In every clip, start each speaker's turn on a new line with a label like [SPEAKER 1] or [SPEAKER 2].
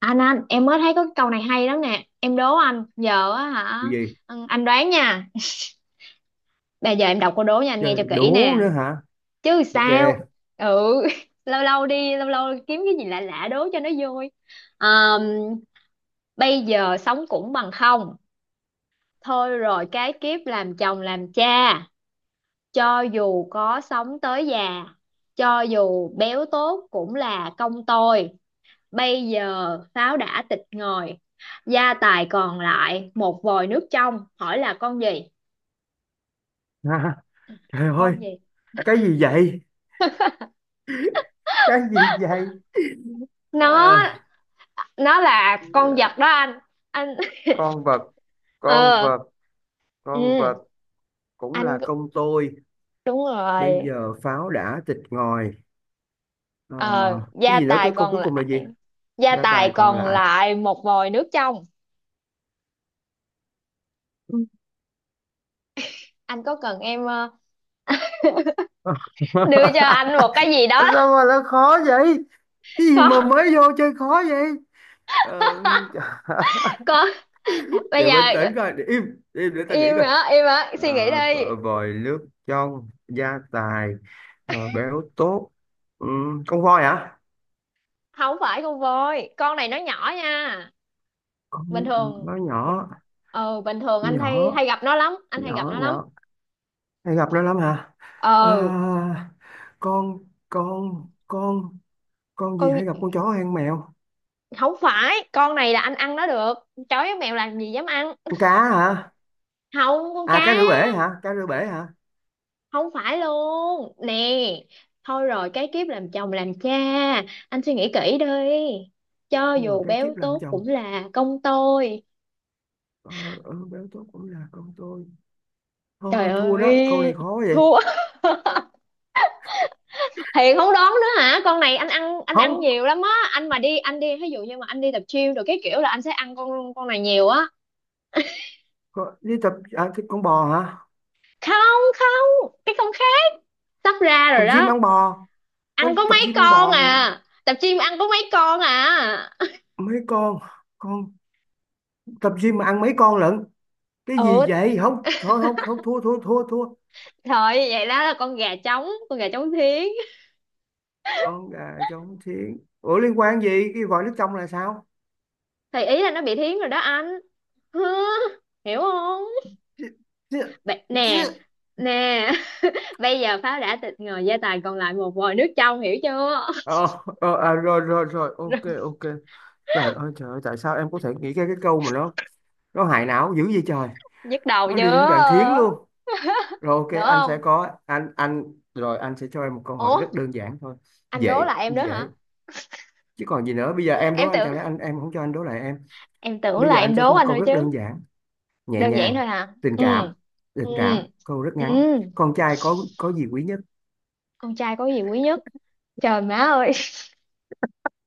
[SPEAKER 1] Anh, em mới thấy có cái câu này hay lắm nè. Em đố anh. Giờ á
[SPEAKER 2] Cái
[SPEAKER 1] hả?
[SPEAKER 2] gì?
[SPEAKER 1] Ừ, anh đoán nha. Bây giờ em đọc câu đố nha, anh nghe cho
[SPEAKER 2] Chơi
[SPEAKER 1] kỹ
[SPEAKER 2] đố
[SPEAKER 1] nè.
[SPEAKER 2] nữa hả?
[SPEAKER 1] Chứ
[SPEAKER 2] Ok.
[SPEAKER 1] sao. Ừ. Lâu lâu đi Lâu lâu kiếm cái gì lạ lạ đố cho nó vui. Ờm, Bây giờ sống cũng bằng không. Thôi rồi cái kiếp làm chồng làm cha. Cho dù có sống tới già, cho dù béo tốt cũng là công tôi. Bây giờ pháo đã tịch ngòi, gia tài còn lại một vòi nước trong, hỏi là con gì?
[SPEAKER 2] Ha, trời ơi.
[SPEAKER 1] Con gì?
[SPEAKER 2] Cái gì vậy? Cái gì vậy?
[SPEAKER 1] nó
[SPEAKER 2] Ờ,
[SPEAKER 1] nó là con vật đó anh. Anh.
[SPEAKER 2] con vật, con
[SPEAKER 1] Ờ.
[SPEAKER 2] vật, con
[SPEAKER 1] Ừ.
[SPEAKER 2] vật cũng là
[SPEAKER 1] Anh,
[SPEAKER 2] công tôi.
[SPEAKER 1] đúng
[SPEAKER 2] Bây
[SPEAKER 1] rồi.
[SPEAKER 2] giờ pháo đã tịt ngòi. Ờ,
[SPEAKER 1] Ờ,
[SPEAKER 2] cái
[SPEAKER 1] gia
[SPEAKER 2] gì nữa,
[SPEAKER 1] tài
[SPEAKER 2] cái câu
[SPEAKER 1] còn
[SPEAKER 2] cuối cùng là gì?
[SPEAKER 1] lại gia
[SPEAKER 2] Gia
[SPEAKER 1] tài
[SPEAKER 2] tài còn
[SPEAKER 1] còn
[SPEAKER 2] lại.
[SPEAKER 1] lại một vòi nước trong.
[SPEAKER 2] Ừ.
[SPEAKER 1] Anh có cần em đưa cho anh một cái gì đó?
[SPEAKER 2] Sao mà nó khó vậy? Cái gì
[SPEAKER 1] Không.
[SPEAKER 2] mà mới vô chơi khó vậy? Ờ,
[SPEAKER 1] Con, bây
[SPEAKER 2] để
[SPEAKER 1] giờ
[SPEAKER 2] bình tĩnh coi, để im, im để ta
[SPEAKER 1] im
[SPEAKER 2] nghĩ coi.
[SPEAKER 1] hả? Im hả?
[SPEAKER 2] Ờ,
[SPEAKER 1] Suy nghĩ đi.
[SPEAKER 2] Cỡ vòi nước trong gia tài, béo tốt, ừ, con voi hả?
[SPEAKER 1] Không phải con voi, con này nó nhỏ nha.
[SPEAKER 2] Con
[SPEAKER 1] Bình thường.
[SPEAKER 2] nó nhỏ,
[SPEAKER 1] Ờ, bình thường anh hay
[SPEAKER 2] nhỏ
[SPEAKER 1] hay gặp nó lắm, anh hay gặp
[SPEAKER 2] nhỏ
[SPEAKER 1] nó lắm.
[SPEAKER 2] nhỏ. Hay gặp nó lắm hả? À,
[SPEAKER 1] Ờ.
[SPEAKER 2] con con con con gì, hay
[SPEAKER 1] Con.
[SPEAKER 2] gặp con chó hay con mèo?
[SPEAKER 1] Không phải, con này là anh ăn nó được. Chó với mèo làm gì dám ăn.
[SPEAKER 2] Con cá hả?
[SPEAKER 1] Không, con
[SPEAKER 2] À,
[SPEAKER 1] cá.
[SPEAKER 2] cá rửa bể hả, cá rửa bể hả?
[SPEAKER 1] Không phải luôn nè. Thôi rồi cái kiếp làm chồng làm cha, anh suy nghĩ kỹ đi, cho
[SPEAKER 2] Rồi
[SPEAKER 1] dù
[SPEAKER 2] cái
[SPEAKER 1] béo
[SPEAKER 2] kiếp làm
[SPEAKER 1] tốt
[SPEAKER 2] chồng,
[SPEAKER 1] cũng là công tôi.
[SPEAKER 2] ờ, béo tốt cũng là con tôi. Thôi
[SPEAKER 1] Trời
[SPEAKER 2] thôi, thua đó, câu này
[SPEAKER 1] ơi,
[SPEAKER 2] khó vậy.
[SPEAKER 1] thua. Thì không đón nữa hả? Con này anh ăn, anh ăn
[SPEAKER 2] Không.
[SPEAKER 1] nhiều lắm á. Anh mà đi, anh đi ví dụ như mà anh đi tập gym rồi cái kiểu là anh sẽ ăn con này nhiều á.
[SPEAKER 2] Có- đi tập à, cái con bò hả?
[SPEAKER 1] Không không, cái con khác. Sắp ra
[SPEAKER 2] Tập
[SPEAKER 1] rồi
[SPEAKER 2] gym
[SPEAKER 1] đó.
[SPEAKER 2] ăn bò.
[SPEAKER 1] Ăn có
[SPEAKER 2] Con tập
[SPEAKER 1] mấy
[SPEAKER 2] gym ăn
[SPEAKER 1] con
[SPEAKER 2] bò thì
[SPEAKER 1] à? Tập gym ăn có mấy con à?
[SPEAKER 2] mấy con tập gym mà ăn mấy con lận? Cái gì
[SPEAKER 1] Ừ,
[SPEAKER 2] vậy, không thôi không, không, thua thua thua thua.
[SPEAKER 1] trời, vậy đó là con gà trống, con gà trống thiến.
[SPEAKER 2] Con gà trống thiến, ủa liên quan gì cái vòi nước trong là sao?
[SPEAKER 1] Thì ý là nó bị thiến rồi đó anh. Hứ, hiểu không?
[SPEAKER 2] Chứ- chứ-
[SPEAKER 1] Nè,
[SPEAKER 2] chứ.
[SPEAKER 1] nè. Bây giờ pháo đã tịch ngồi, gia tài còn lại một vòi nước trong, hiểu chưa?
[SPEAKER 2] Rồi rồi rồi, ok ok. Trời ơi trời ơi, tại sao em có thể nghĩ ra cái câu mà nó hại não dữ vậy trời?
[SPEAKER 1] Nhức đầu
[SPEAKER 2] Nó đi đến đoạn thiến
[SPEAKER 1] chưa?
[SPEAKER 2] luôn. Rồi
[SPEAKER 1] Được
[SPEAKER 2] ok, anh sẽ
[SPEAKER 1] không?
[SPEAKER 2] có anh anh rồi anh sẽ cho em một câu hỏi rất
[SPEAKER 1] Ủa,
[SPEAKER 2] đơn giản thôi.
[SPEAKER 1] anh đố
[SPEAKER 2] Dễ
[SPEAKER 1] là em đó
[SPEAKER 2] dễ.
[SPEAKER 1] hả?
[SPEAKER 2] Chứ còn gì nữa, bây giờ em đố
[SPEAKER 1] Em
[SPEAKER 2] anh,
[SPEAKER 1] tưởng
[SPEAKER 2] chẳng lẽ anh em không cho anh đố lại em?
[SPEAKER 1] em tưởng
[SPEAKER 2] Bây
[SPEAKER 1] là
[SPEAKER 2] giờ
[SPEAKER 1] em
[SPEAKER 2] anh sẽ
[SPEAKER 1] đố
[SPEAKER 2] có một
[SPEAKER 1] anh
[SPEAKER 2] câu
[SPEAKER 1] thôi
[SPEAKER 2] rất
[SPEAKER 1] chứ.
[SPEAKER 2] đơn giản, nhẹ
[SPEAKER 1] Đơn giản
[SPEAKER 2] nhàng,
[SPEAKER 1] thôi hả?
[SPEAKER 2] tình
[SPEAKER 1] Ừ.
[SPEAKER 2] cảm,
[SPEAKER 1] Ừ.
[SPEAKER 2] tình cảm, câu rất
[SPEAKER 1] Ừ.
[SPEAKER 2] ngắn. Con trai có gì quý nhất?
[SPEAKER 1] Con trai có gì quý nhất? Trời má ơi,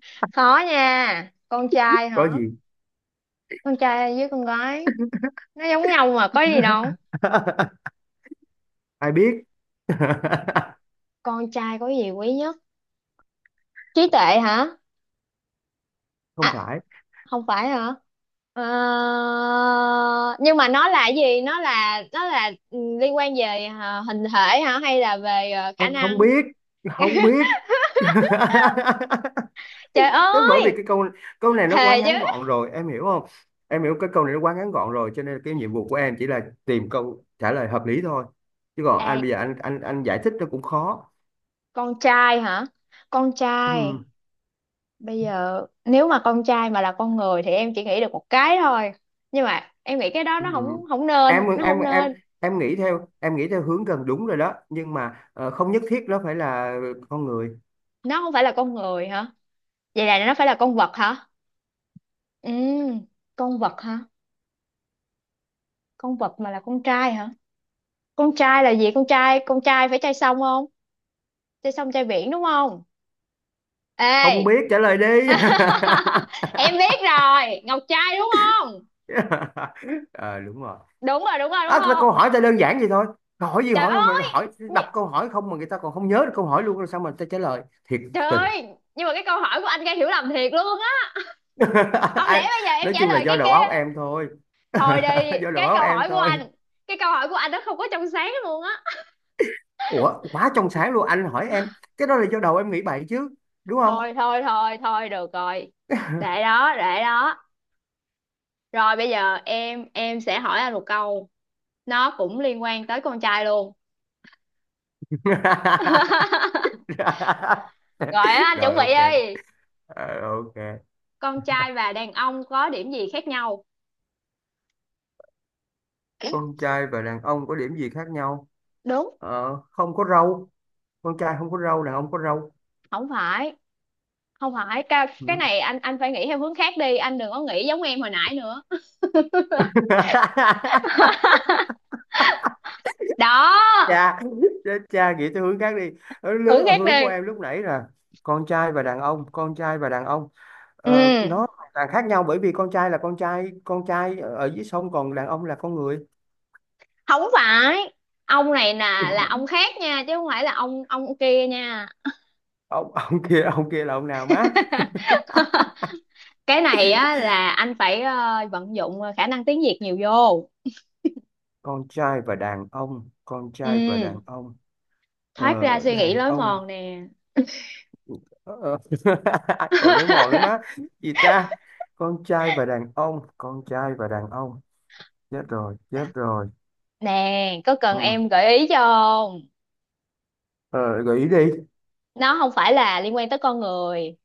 [SPEAKER 1] khó nha. Con trai
[SPEAKER 2] Có
[SPEAKER 1] hả?
[SPEAKER 2] gì?
[SPEAKER 1] Con trai với con gái nó giống nhau mà có gì đâu.
[SPEAKER 2] Ai biết.
[SPEAKER 1] Con trai có gì quý nhất? Trí tuệ hả?
[SPEAKER 2] Không phải.
[SPEAKER 1] Không phải hả? Ờ, nhưng mà nó là cái gì? Nó là liên quan về hình thể hả, hay là về
[SPEAKER 2] Ờ,
[SPEAKER 1] khả
[SPEAKER 2] Không
[SPEAKER 1] năng?
[SPEAKER 2] biết, không biết.
[SPEAKER 1] Trời
[SPEAKER 2] Thế bởi vì
[SPEAKER 1] ơi,
[SPEAKER 2] cái câu câu này nó quá
[SPEAKER 1] thề chứ.
[SPEAKER 2] ngắn gọn rồi, em hiểu không? Em hiểu cái câu này nó quá ngắn gọn rồi, cho nên cái nhiệm vụ của em chỉ là tìm câu trả lời hợp lý thôi, chứ còn
[SPEAKER 1] Ê,
[SPEAKER 2] anh bây giờ anh giải thích nó cũng khó.
[SPEAKER 1] con trai hả? Con trai,
[SPEAKER 2] Ừ,
[SPEAKER 1] bây giờ nếu mà con trai mà là con người thì em chỉ nghĩ được một cái thôi, nhưng mà em nghĩ cái đó
[SPEAKER 2] ừ.
[SPEAKER 1] nó không không
[SPEAKER 2] em
[SPEAKER 1] nên, nó
[SPEAKER 2] em
[SPEAKER 1] không
[SPEAKER 2] em
[SPEAKER 1] nên.
[SPEAKER 2] em nghĩ theo, em nghĩ theo hướng gần đúng rồi đó, nhưng mà không nhất thiết nó phải là con người.
[SPEAKER 1] Nó không phải là con người hả? Vậy là nó phải là con vật hả? Ừ, con vật hả? Con vật mà là con trai hả? Con trai là gì? Con trai phải trai sông không? Trai sông, trai biển đúng không?
[SPEAKER 2] Không
[SPEAKER 1] Ê.
[SPEAKER 2] biết, trả lời đi.
[SPEAKER 1] Em biết rồi, ngọc trai đúng không?
[SPEAKER 2] Ờ, Đúng rồi.
[SPEAKER 1] Đúng rồi, đúng rồi, đúng
[SPEAKER 2] À,
[SPEAKER 1] không?
[SPEAKER 2] câu hỏi ta đơn giản vậy thôi. Câu hỏi gì,
[SPEAKER 1] Trời
[SPEAKER 2] hỏi mà
[SPEAKER 1] ơi.
[SPEAKER 2] hỏi đọc câu hỏi không mà người ta còn không nhớ được câu hỏi luôn, rồi sao mà ta trả lời thiệt
[SPEAKER 1] Trời
[SPEAKER 2] tình.
[SPEAKER 1] ơi, nhưng mà cái câu hỏi của anh gây hiểu lầm thiệt luôn á. Không lẽ
[SPEAKER 2] Ai-
[SPEAKER 1] bây giờ em
[SPEAKER 2] nói
[SPEAKER 1] trả
[SPEAKER 2] chung là
[SPEAKER 1] lời cái
[SPEAKER 2] do đầu óc
[SPEAKER 1] kia?
[SPEAKER 2] em thôi.
[SPEAKER 1] Thôi đi,
[SPEAKER 2] Do đầu
[SPEAKER 1] cái
[SPEAKER 2] óc
[SPEAKER 1] câu
[SPEAKER 2] em
[SPEAKER 1] hỏi của
[SPEAKER 2] thôi.
[SPEAKER 1] anh, cái câu hỏi của anh nó không có trong sáng luôn á.
[SPEAKER 2] Ủa, quá trong sáng luôn, anh hỏi em cái đó là do đầu em nghĩ bậy chứ, đúng không?
[SPEAKER 1] Thôi thôi thôi thôi được rồi. Để đó, để đó. Rồi bây giờ em sẽ hỏi anh một câu, nó cũng liên quan tới con trai luôn. Rồi á, anh chuẩn
[SPEAKER 2] Rồi
[SPEAKER 1] bị
[SPEAKER 2] ok.
[SPEAKER 1] đi.
[SPEAKER 2] Ok.
[SPEAKER 1] Con trai và đàn ông có điểm gì khác nhau?
[SPEAKER 2] Con trai và đàn ông có điểm gì khác nhau?
[SPEAKER 1] Đúng,
[SPEAKER 2] Không có râu, con trai không có râu, đàn ông có râu.
[SPEAKER 1] không phải, không phải. Cái này anh phải nghĩ theo hướng khác đi, anh đừng có nghĩ giống em hồi nãy nữa
[SPEAKER 2] Ừ.
[SPEAKER 1] đó.
[SPEAKER 2] Cha, chết cha, nghĩ theo hướng khác đi, ở hướng,
[SPEAKER 1] Thử
[SPEAKER 2] ở
[SPEAKER 1] khác
[SPEAKER 2] hướng của
[SPEAKER 1] đi.
[SPEAKER 2] em lúc nãy là con trai và đàn ông, con trai và đàn ông. Nó
[SPEAKER 1] Ừ.
[SPEAKER 2] hoàn toàn khác nhau, bởi vì con trai là con trai, con trai ở ở dưới sông, còn đàn ông là con người.
[SPEAKER 1] Không phải, ông này nè là ông khác nha, chứ không phải là ông kia nha.
[SPEAKER 2] Ông, ông kia, ông kia là ông nào má?
[SPEAKER 1] Cái này á là anh phải vận dụng khả năng tiếng Việt nhiều vô.
[SPEAKER 2] Con trai và đàn ông, con trai và
[SPEAKER 1] Ừ.
[SPEAKER 2] đàn ông, ờ,
[SPEAKER 1] Thoát ra suy nghĩ
[SPEAKER 2] đàn
[SPEAKER 1] lối
[SPEAKER 2] ông,
[SPEAKER 1] mòn nè.
[SPEAKER 2] ờ, còn lưỡi mòn nữa má, gì ta? Con trai và đàn ông, con trai và đàn ông. Chết rồi, chết
[SPEAKER 1] Dạ.
[SPEAKER 2] rồi.
[SPEAKER 1] Nè, có cần
[SPEAKER 2] Ừ.
[SPEAKER 1] em gợi ý cho không?
[SPEAKER 2] ờ, gợi ý đi.
[SPEAKER 1] Nó không phải là liên quan tới con người,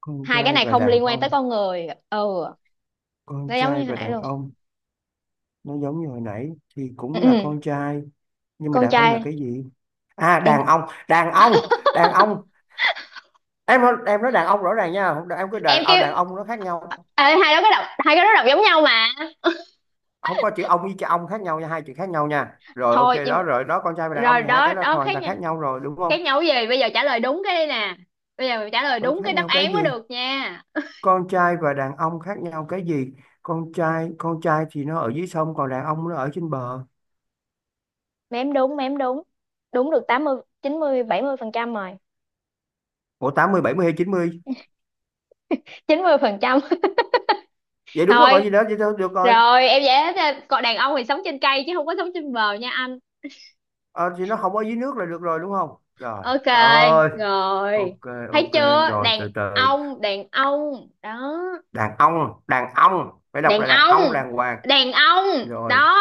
[SPEAKER 2] Con
[SPEAKER 1] hai cái
[SPEAKER 2] trai
[SPEAKER 1] này
[SPEAKER 2] và
[SPEAKER 1] không
[SPEAKER 2] đàn
[SPEAKER 1] liên quan tới
[SPEAKER 2] ông,
[SPEAKER 1] con người. Ừ.
[SPEAKER 2] con
[SPEAKER 1] Nó giống như
[SPEAKER 2] trai
[SPEAKER 1] hồi
[SPEAKER 2] và
[SPEAKER 1] nãy
[SPEAKER 2] đàn
[SPEAKER 1] luôn.
[SPEAKER 2] ông. Nó giống như hồi nãy. Thì cũng
[SPEAKER 1] Ừ,
[SPEAKER 2] là
[SPEAKER 1] ừ.
[SPEAKER 2] con trai, nhưng mà
[SPEAKER 1] Con
[SPEAKER 2] đàn ông là
[SPEAKER 1] trai.
[SPEAKER 2] cái gì? À,
[SPEAKER 1] đàn...
[SPEAKER 2] đàn ông, đàn ông, đàn ông. Em nói, em nói đàn ông rõ ràng nha, không em cứ
[SPEAKER 1] em kêu.
[SPEAKER 2] đàn ông nó khác nhau.
[SPEAKER 1] Ê, hai đó cái đọc, hai cái đó đọc giống nhau mà.
[SPEAKER 2] Không, có chữ ông với chữ ông khác nhau nha, hai chữ khác nhau nha. Rồi ok
[SPEAKER 1] Thôi nhưng,
[SPEAKER 2] đó, rồi đó, con trai và đàn ông
[SPEAKER 1] rồi
[SPEAKER 2] thì hai
[SPEAKER 1] đó
[SPEAKER 2] cái nó
[SPEAKER 1] đó
[SPEAKER 2] hoàn
[SPEAKER 1] khác
[SPEAKER 2] toàn
[SPEAKER 1] nha.
[SPEAKER 2] khác nhau rồi, đúng không?
[SPEAKER 1] Khác nhau cái gì? Bây giờ trả lời đúng cái đây nè, bây giờ mình trả lời
[SPEAKER 2] Đó,
[SPEAKER 1] đúng cái
[SPEAKER 2] khác
[SPEAKER 1] đáp
[SPEAKER 2] nhau cái
[SPEAKER 1] án mới
[SPEAKER 2] gì?
[SPEAKER 1] được nha.
[SPEAKER 2] Con trai và đàn ông khác nhau cái gì? Con trai, con trai thì nó ở dưới sông, còn đàn ông nó ở trên bờ.
[SPEAKER 1] Mém đúng, mém đúng. Đúng được 80, 90, 70% rồi.
[SPEAKER 2] Ủa, 80 70 hay 90?
[SPEAKER 1] 90%.
[SPEAKER 2] Vậy đúng rồi, còn
[SPEAKER 1] Thôi.
[SPEAKER 2] gì nữa, vậy thôi được rồi.
[SPEAKER 1] Rồi em dễ thế. Còn đàn ông thì sống trên cây chứ không có sống trên bờ nha anh.
[SPEAKER 2] Ờ, thì nó không ở dưới nước là được rồi, đúng không? Rồi,
[SPEAKER 1] Ok,
[SPEAKER 2] ơi,
[SPEAKER 1] rồi.
[SPEAKER 2] ok,
[SPEAKER 1] Thấy
[SPEAKER 2] ok,
[SPEAKER 1] chưa?
[SPEAKER 2] rồi
[SPEAKER 1] Đàn
[SPEAKER 2] từ từ.
[SPEAKER 1] ông, đàn ông đó.
[SPEAKER 2] Đàn ông, phải đọc
[SPEAKER 1] Đàn
[SPEAKER 2] là đàn ông,
[SPEAKER 1] ông,
[SPEAKER 2] đàng hoàng.
[SPEAKER 1] đàn ông
[SPEAKER 2] Rồi,
[SPEAKER 1] đó.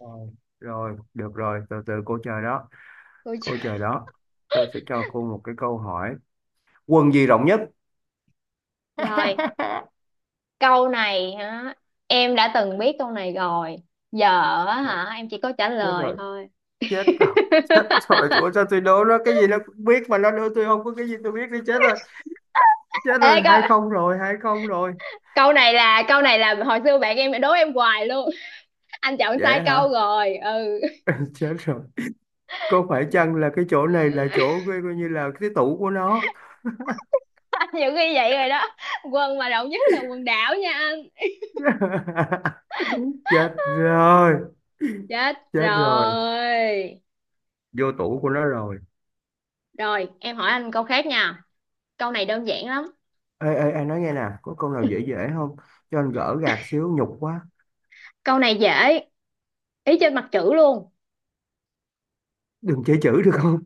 [SPEAKER 2] rồi, rồi, được rồi, từ từ cô chờ đó,
[SPEAKER 1] Ôi
[SPEAKER 2] cô
[SPEAKER 1] trời.
[SPEAKER 2] chờ đó. Tôi sẽ cho cô một cái câu hỏi. Quần gì rộng nhất?
[SPEAKER 1] Rồi, câu này hả? Em đã từng biết câu này rồi. Giờ á hả, em chỉ có trả
[SPEAKER 2] Chết
[SPEAKER 1] lời
[SPEAKER 2] rồi,
[SPEAKER 1] thôi.
[SPEAKER 2] chết rồi. Chết rồi, ủa sao tôi đố nó cái gì nó cũng biết, mà nó đưa tôi không có cái gì tôi biết đi, chết rồi,
[SPEAKER 1] Ê, câu
[SPEAKER 2] 2-0 rồi, 2-0 rồi.
[SPEAKER 1] câu này là hồi xưa bạn em đố em hoài luôn. Anh chọn sai
[SPEAKER 2] Dễ
[SPEAKER 1] câu
[SPEAKER 2] hả?
[SPEAKER 1] rồi. Ừ.
[SPEAKER 2] Chết rồi. Có phải chăng là cái chỗ này là chỗ coi, coi như là cái tủ của nó?
[SPEAKER 1] Nhiều khi vậy rồi đó. Quân mà rộng nhất là quần đảo nha anh.
[SPEAKER 2] Chết rồi,
[SPEAKER 1] Chết
[SPEAKER 2] chết rồi,
[SPEAKER 1] rồi.
[SPEAKER 2] vô tủ của nó rồi.
[SPEAKER 1] Rồi em hỏi anh câu khác nha, câu này đơn giản lắm.
[SPEAKER 2] Ê, ê, anh nói nghe nè, có câu nào dễ dễ không? Cho anh gỡ gạc xíu, nhục quá.
[SPEAKER 1] Câu này dễ, ý trên mặt chữ luôn.
[SPEAKER 2] Đừng chê chữ được không?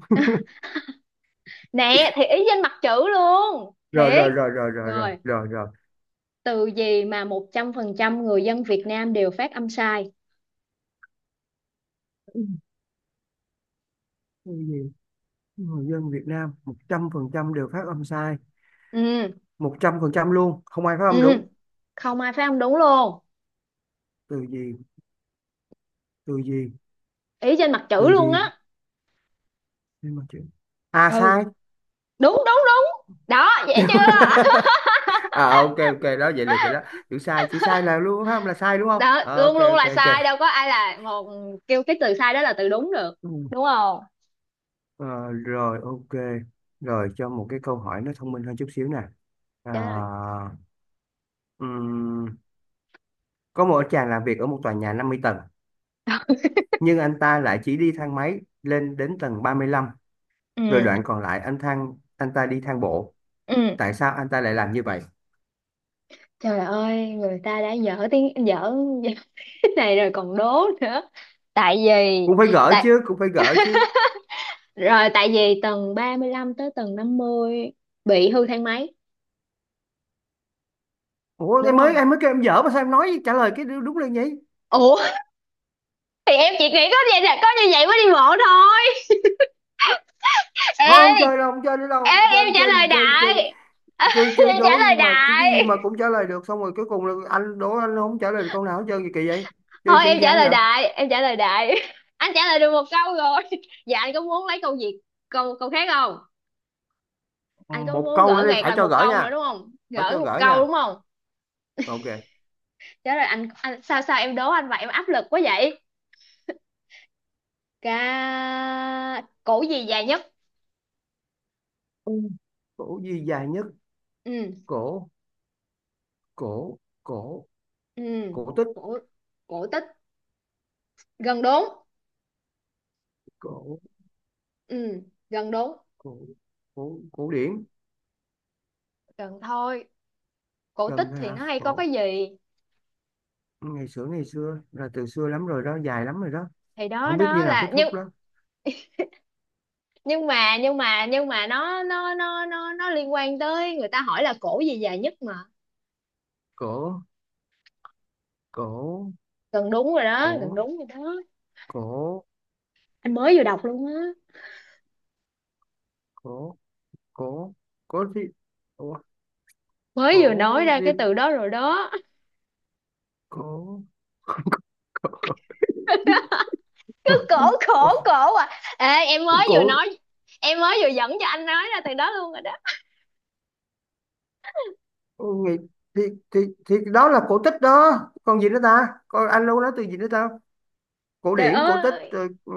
[SPEAKER 1] Nè thì ý trên mặt chữ luôn
[SPEAKER 2] Rồi, rồi,
[SPEAKER 1] thiệt.
[SPEAKER 2] rồi, rồi, rồi, rồi,
[SPEAKER 1] Rồi,
[SPEAKER 2] rồi, rồi.
[SPEAKER 1] từ gì mà 100% người dân Việt Nam đều phát âm sai?
[SPEAKER 2] Cái gì? Người dân Việt Nam 100% đều phát âm sai.
[SPEAKER 1] Ừ.
[SPEAKER 2] 100% luôn, không ai phát âm
[SPEAKER 1] Ừ,
[SPEAKER 2] đúng.
[SPEAKER 1] không ai phát âm đúng luôn.
[SPEAKER 2] Từ gì, từ gì,
[SPEAKER 1] Ý trên mặt chữ
[SPEAKER 2] từ
[SPEAKER 1] luôn
[SPEAKER 2] gì.
[SPEAKER 1] á.
[SPEAKER 2] Nhưng mà chữ... À
[SPEAKER 1] Ừ.
[SPEAKER 2] sai.
[SPEAKER 1] Đúng đúng đúng đó, vậy chưa?
[SPEAKER 2] À ok ok đó, vậy được rồi đó. Chữ sai, chữ sai là luôn không là sai, đúng không?
[SPEAKER 1] Đó,
[SPEAKER 2] Ờ,
[SPEAKER 1] luôn
[SPEAKER 2] ok
[SPEAKER 1] luôn
[SPEAKER 2] ok
[SPEAKER 1] là
[SPEAKER 2] ok.
[SPEAKER 1] sai, đâu có ai là một kêu cái từ sai đó là từ đúng được
[SPEAKER 2] Ừ.
[SPEAKER 1] đúng không?
[SPEAKER 2] Ờ, Rồi ok, rồi cho một cái câu hỏi nó thông minh hơn chút xíu nè.
[SPEAKER 1] Trời
[SPEAKER 2] à,
[SPEAKER 1] ơi.
[SPEAKER 2] ừm, có một chàng làm việc ở một tòa nhà 50 tầng, nhưng anh ta lại chỉ đi thang máy lên đến tầng 35, rồi
[SPEAKER 1] Ừ.
[SPEAKER 2] đoạn còn lại anh ta đi thang bộ.
[SPEAKER 1] Ừ,
[SPEAKER 2] Tại sao anh ta lại làm như vậy?
[SPEAKER 1] trời ơi, người ta đã dở tiếng dở. Cái này rồi còn đố nữa. Tại vì,
[SPEAKER 2] Cũng phải gỡ
[SPEAKER 1] tại,
[SPEAKER 2] chứ, cũng phải gỡ chứ.
[SPEAKER 1] rồi tại vì tầng 35 tới tầng 50 bị hư thang máy
[SPEAKER 2] Ủa,
[SPEAKER 1] đúng
[SPEAKER 2] em mới
[SPEAKER 1] không?
[SPEAKER 2] em mới kêu em dở mà sao em nói trả lời cái đứa đúng lên nhỉ?
[SPEAKER 1] Ủa, thì em chỉ nghĩ có vậy, là có như vậy mới đi bộ thôi.
[SPEAKER 2] Thôi không
[SPEAKER 1] Ê,
[SPEAKER 2] chơi đâu, không chơi nữa đâu,
[SPEAKER 1] ê, em
[SPEAKER 2] chơi
[SPEAKER 1] trả
[SPEAKER 2] chơi
[SPEAKER 1] lời
[SPEAKER 2] chơi chơi,
[SPEAKER 1] đại.
[SPEAKER 2] chơi chơi.
[SPEAKER 1] Em trả
[SPEAKER 2] Đố
[SPEAKER 1] lời
[SPEAKER 2] gì mà cái
[SPEAKER 1] đại.
[SPEAKER 2] cái gì mà cũng trả lời được, xong rồi cuối cùng là anh đố anh không trả lời được câu nào hết trơn, gì kỳ vậy? Chơi
[SPEAKER 1] Thôi em
[SPEAKER 2] chán
[SPEAKER 1] trả
[SPEAKER 2] chán
[SPEAKER 1] lời
[SPEAKER 2] vậy.
[SPEAKER 1] đại, em trả lời đại. Anh trả lời được một câu rồi. Dạ, anh có muốn lấy câu gì? Câu câu khác không? Anh có
[SPEAKER 2] Một
[SPEAKER 1] muốn
[SPEAKER 2] câu nữa
[SPEAKER 1] gỡ
[SPEAKER 2] đi,
[SPEAKER 1] gạc
[SPEAKER 2] phải
[SPEAKER 1] lại
[SPEAKER 2] cho
[SPEAKER 1] một
[SPEAKER 2] gỡ
[SPEAKER 1] câu nữa
[SPEAKER 2] nha,
[SPEAKER 1] đúng không?
[SPEAKER 2] phải
[SPEAKER 1] Gỡ
[SPEAKER 2] cho
[SPEAKER 1] một
[SPEAKER 2] gỡ
[SPEAKER 1] câu
[SPEAKER 2] nha.
[SPEAKER 1] đúng không?
[SPEAKER 2] Ok.
[SPEAKER 1] Trả lời anh sao sao em đố anh vậy, em áp lực quá vậy. Cổ gì dài nhất?
[SPEAKER 2] Ừ. Cổ gì dài nhất?
[SPEAKER 1] Ừ.
[SPEAKER 2] Cổ, cổ, cổ,
[SPEAKER 1] Ừ.
[SPEAKER 2] cổ tích.
[SPEAKER 1] Cổ, cổ tích. Gần đúng.
[SPEAKER 2] Cổ,
[SPEAKER 1] Ừ, gần đúng.
[SPEAKER 2] cổ, cổ, cổ điển.
[SPEAKER 1] Gần thôi. Cổ tích
[SPEAKER 2] Cần thôi
[SPEAKER 1] thì
[SPEAKER 2] hả?
[SPEAKER 1] nó hay có
[SPEAKER 2] Cổ.
[SPEAKER 1] cái gì?
[SPEAKER 2] Ngày xưa, ngày xưa là từ xưa lắm rồi đó, dài lắm rồi đó.
[SPEAKER 1] Thì đó
[SPEAKER 2] Không biết khi
[SPEAKER 1] đó
[SPEAKER 2] nào kết
[SPEAKER 1] là nhưng.
[SPEAKER 2] thúc đó.
[SPEAKER 1] Nhưng mà nó liên quan tới, người ta hỏi là cổ gì dài nhất mà.
[SPEAKER 2] Cổ, cổ,
[SPEAKER 1] Gần đúng rồi đó, gần
[SPEAKER 2] cổ,
[SPEAKER 1] đúng rồi đó.
[SPEAKER 2] cổ,
[SPEAKER 1] Anh mới vừa đọc luôn á.
[SPEAKER 2] cổ, cổ, cổ thì cổ,
[SPEAKER 1] Mới vừa nói
[SPEAKER 2] cổ,
[SPEAKER 1] ra cái từ đó rồi đó.
[SPEAKER 2] cổ, cổ, cổ,
[SPEAKER 1] Cứ cổ
[SPEAKER 2] cổ,
[SPEAKER 1] khổ cổ à. Ê, em mới
[SPEAKER 2] cổ,
[SPEAKER 1] vừa nói, em mới vừa dẫn cho anh nói ra từ đó luôn rồi đó.
[SPEAKER 2] cổ nghĩ, thì thì thì đó là cổ tích đó. Còn gì nữa ta, còn anh luôn nói từ gì nữa ta? Cổ
[SPEAKER 1] Trời
[SPEAKER 2] điển, cổ tích
[SPEAKER 1] ơi.
[SPEAKER 2] rồi,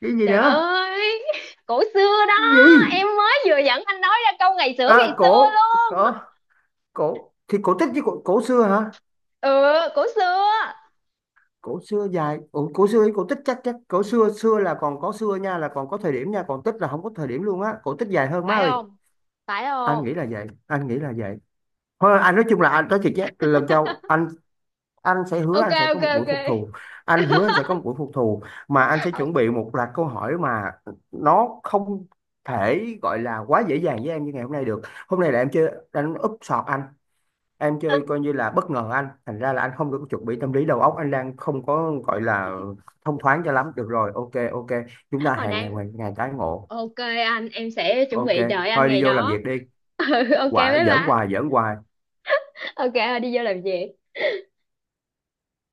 [SPEAKER 2] cái gì
[SPEAKER 1] Trời
[SPEAKER 2] nữa?
[SPEAKER 1] ơi, cổ xưa đó.
[SPEAKER 2] Cái gì?
[SPEAKER 1] Em mới vừa dẫn anh nói ra câu
[SPEAKER 2] À,
[SPEAKER 1] ngày xưa
[SPEAKER 2] cổ,
[SPEAKER 1] luôn.
[SPEAKER 2] cổ, cổ thì cổ tích với cổ, cổ xưa hả?
[SPEAKER 1] Ừ, cổ xưa.
[SPEAKER 2] Cổ xưa dài, cổ, cổ xưa với cổ tích, chắc chắc cổ xưa, xưa là còn có xưa nha, là còn có thời điểm nha, còn tích là không có thời điểm luôn á, cổ tích dài hơn, má
[SPEAKER 1] Phải
[SPEAKER 2] ơi.
[SPEAKER 1] không? Phải
[SPEAKER 2] Anh
[SPEAKER 1] không?
[SPEAKER 2] nghĩ là vậy, anh nghĩ là vậy. Thôi anh nói, chung là anh nói thiệt chứ lần sau anh sẽ hứa,
[SPEAKER 1] Ok,
[SPEAKER 2] anh sẽ có
[SPEAKER 1] ok,
[SPEAKER 2] một buổi
[SPEAKER 1] ok.
[SPEAKER 2] phục thù. Anh hứa anh sẽ có một buổi phục thù, mà anh sẽ
[SPEAKER 1] Ờ,
[SPEAKER 2] chuẩn bị một loạt câu hỏi mà nó không thể gọi là quá dễ dàng với em như ngày hôm nay được. Hôm nay là em chơi anh, úp sọt anh, em chơi coi như là bất ngờ anh, thành ra là anh không được chuẩn bị tâm lý, đầu óc anh đang không có gọi là thông thoáng cho lắm. Được rồi, ok ok, chúng ta
[SPEAKER 1] hồi
[SPEAKER 2] hẹn ngày
[SPEAKER 1] nãy
[SPEAKER 2] ngày tái ngộ.
[SPEAKER 1] ok anh, em sẽ chuẩn
[SPEAKER 2] Ok.
[SPEAKER 1] bị đợi anh
[SPEAKER 2] Thôi
[SPEAKER 1] ngày
[SPEAKER 2] đi vô làm
[SPEAKER 1] đó.
[SPEAKER 2] việc đi.
[SPEAKER 1] Ừ, ok, bye
[SPEAKER 2] Quả giỡn
[SPEAKER 1] bye.
[SPEAKER 2] hoài, giỡn hoài.
[SPEAKER 1] Ok, đi vô làm việc.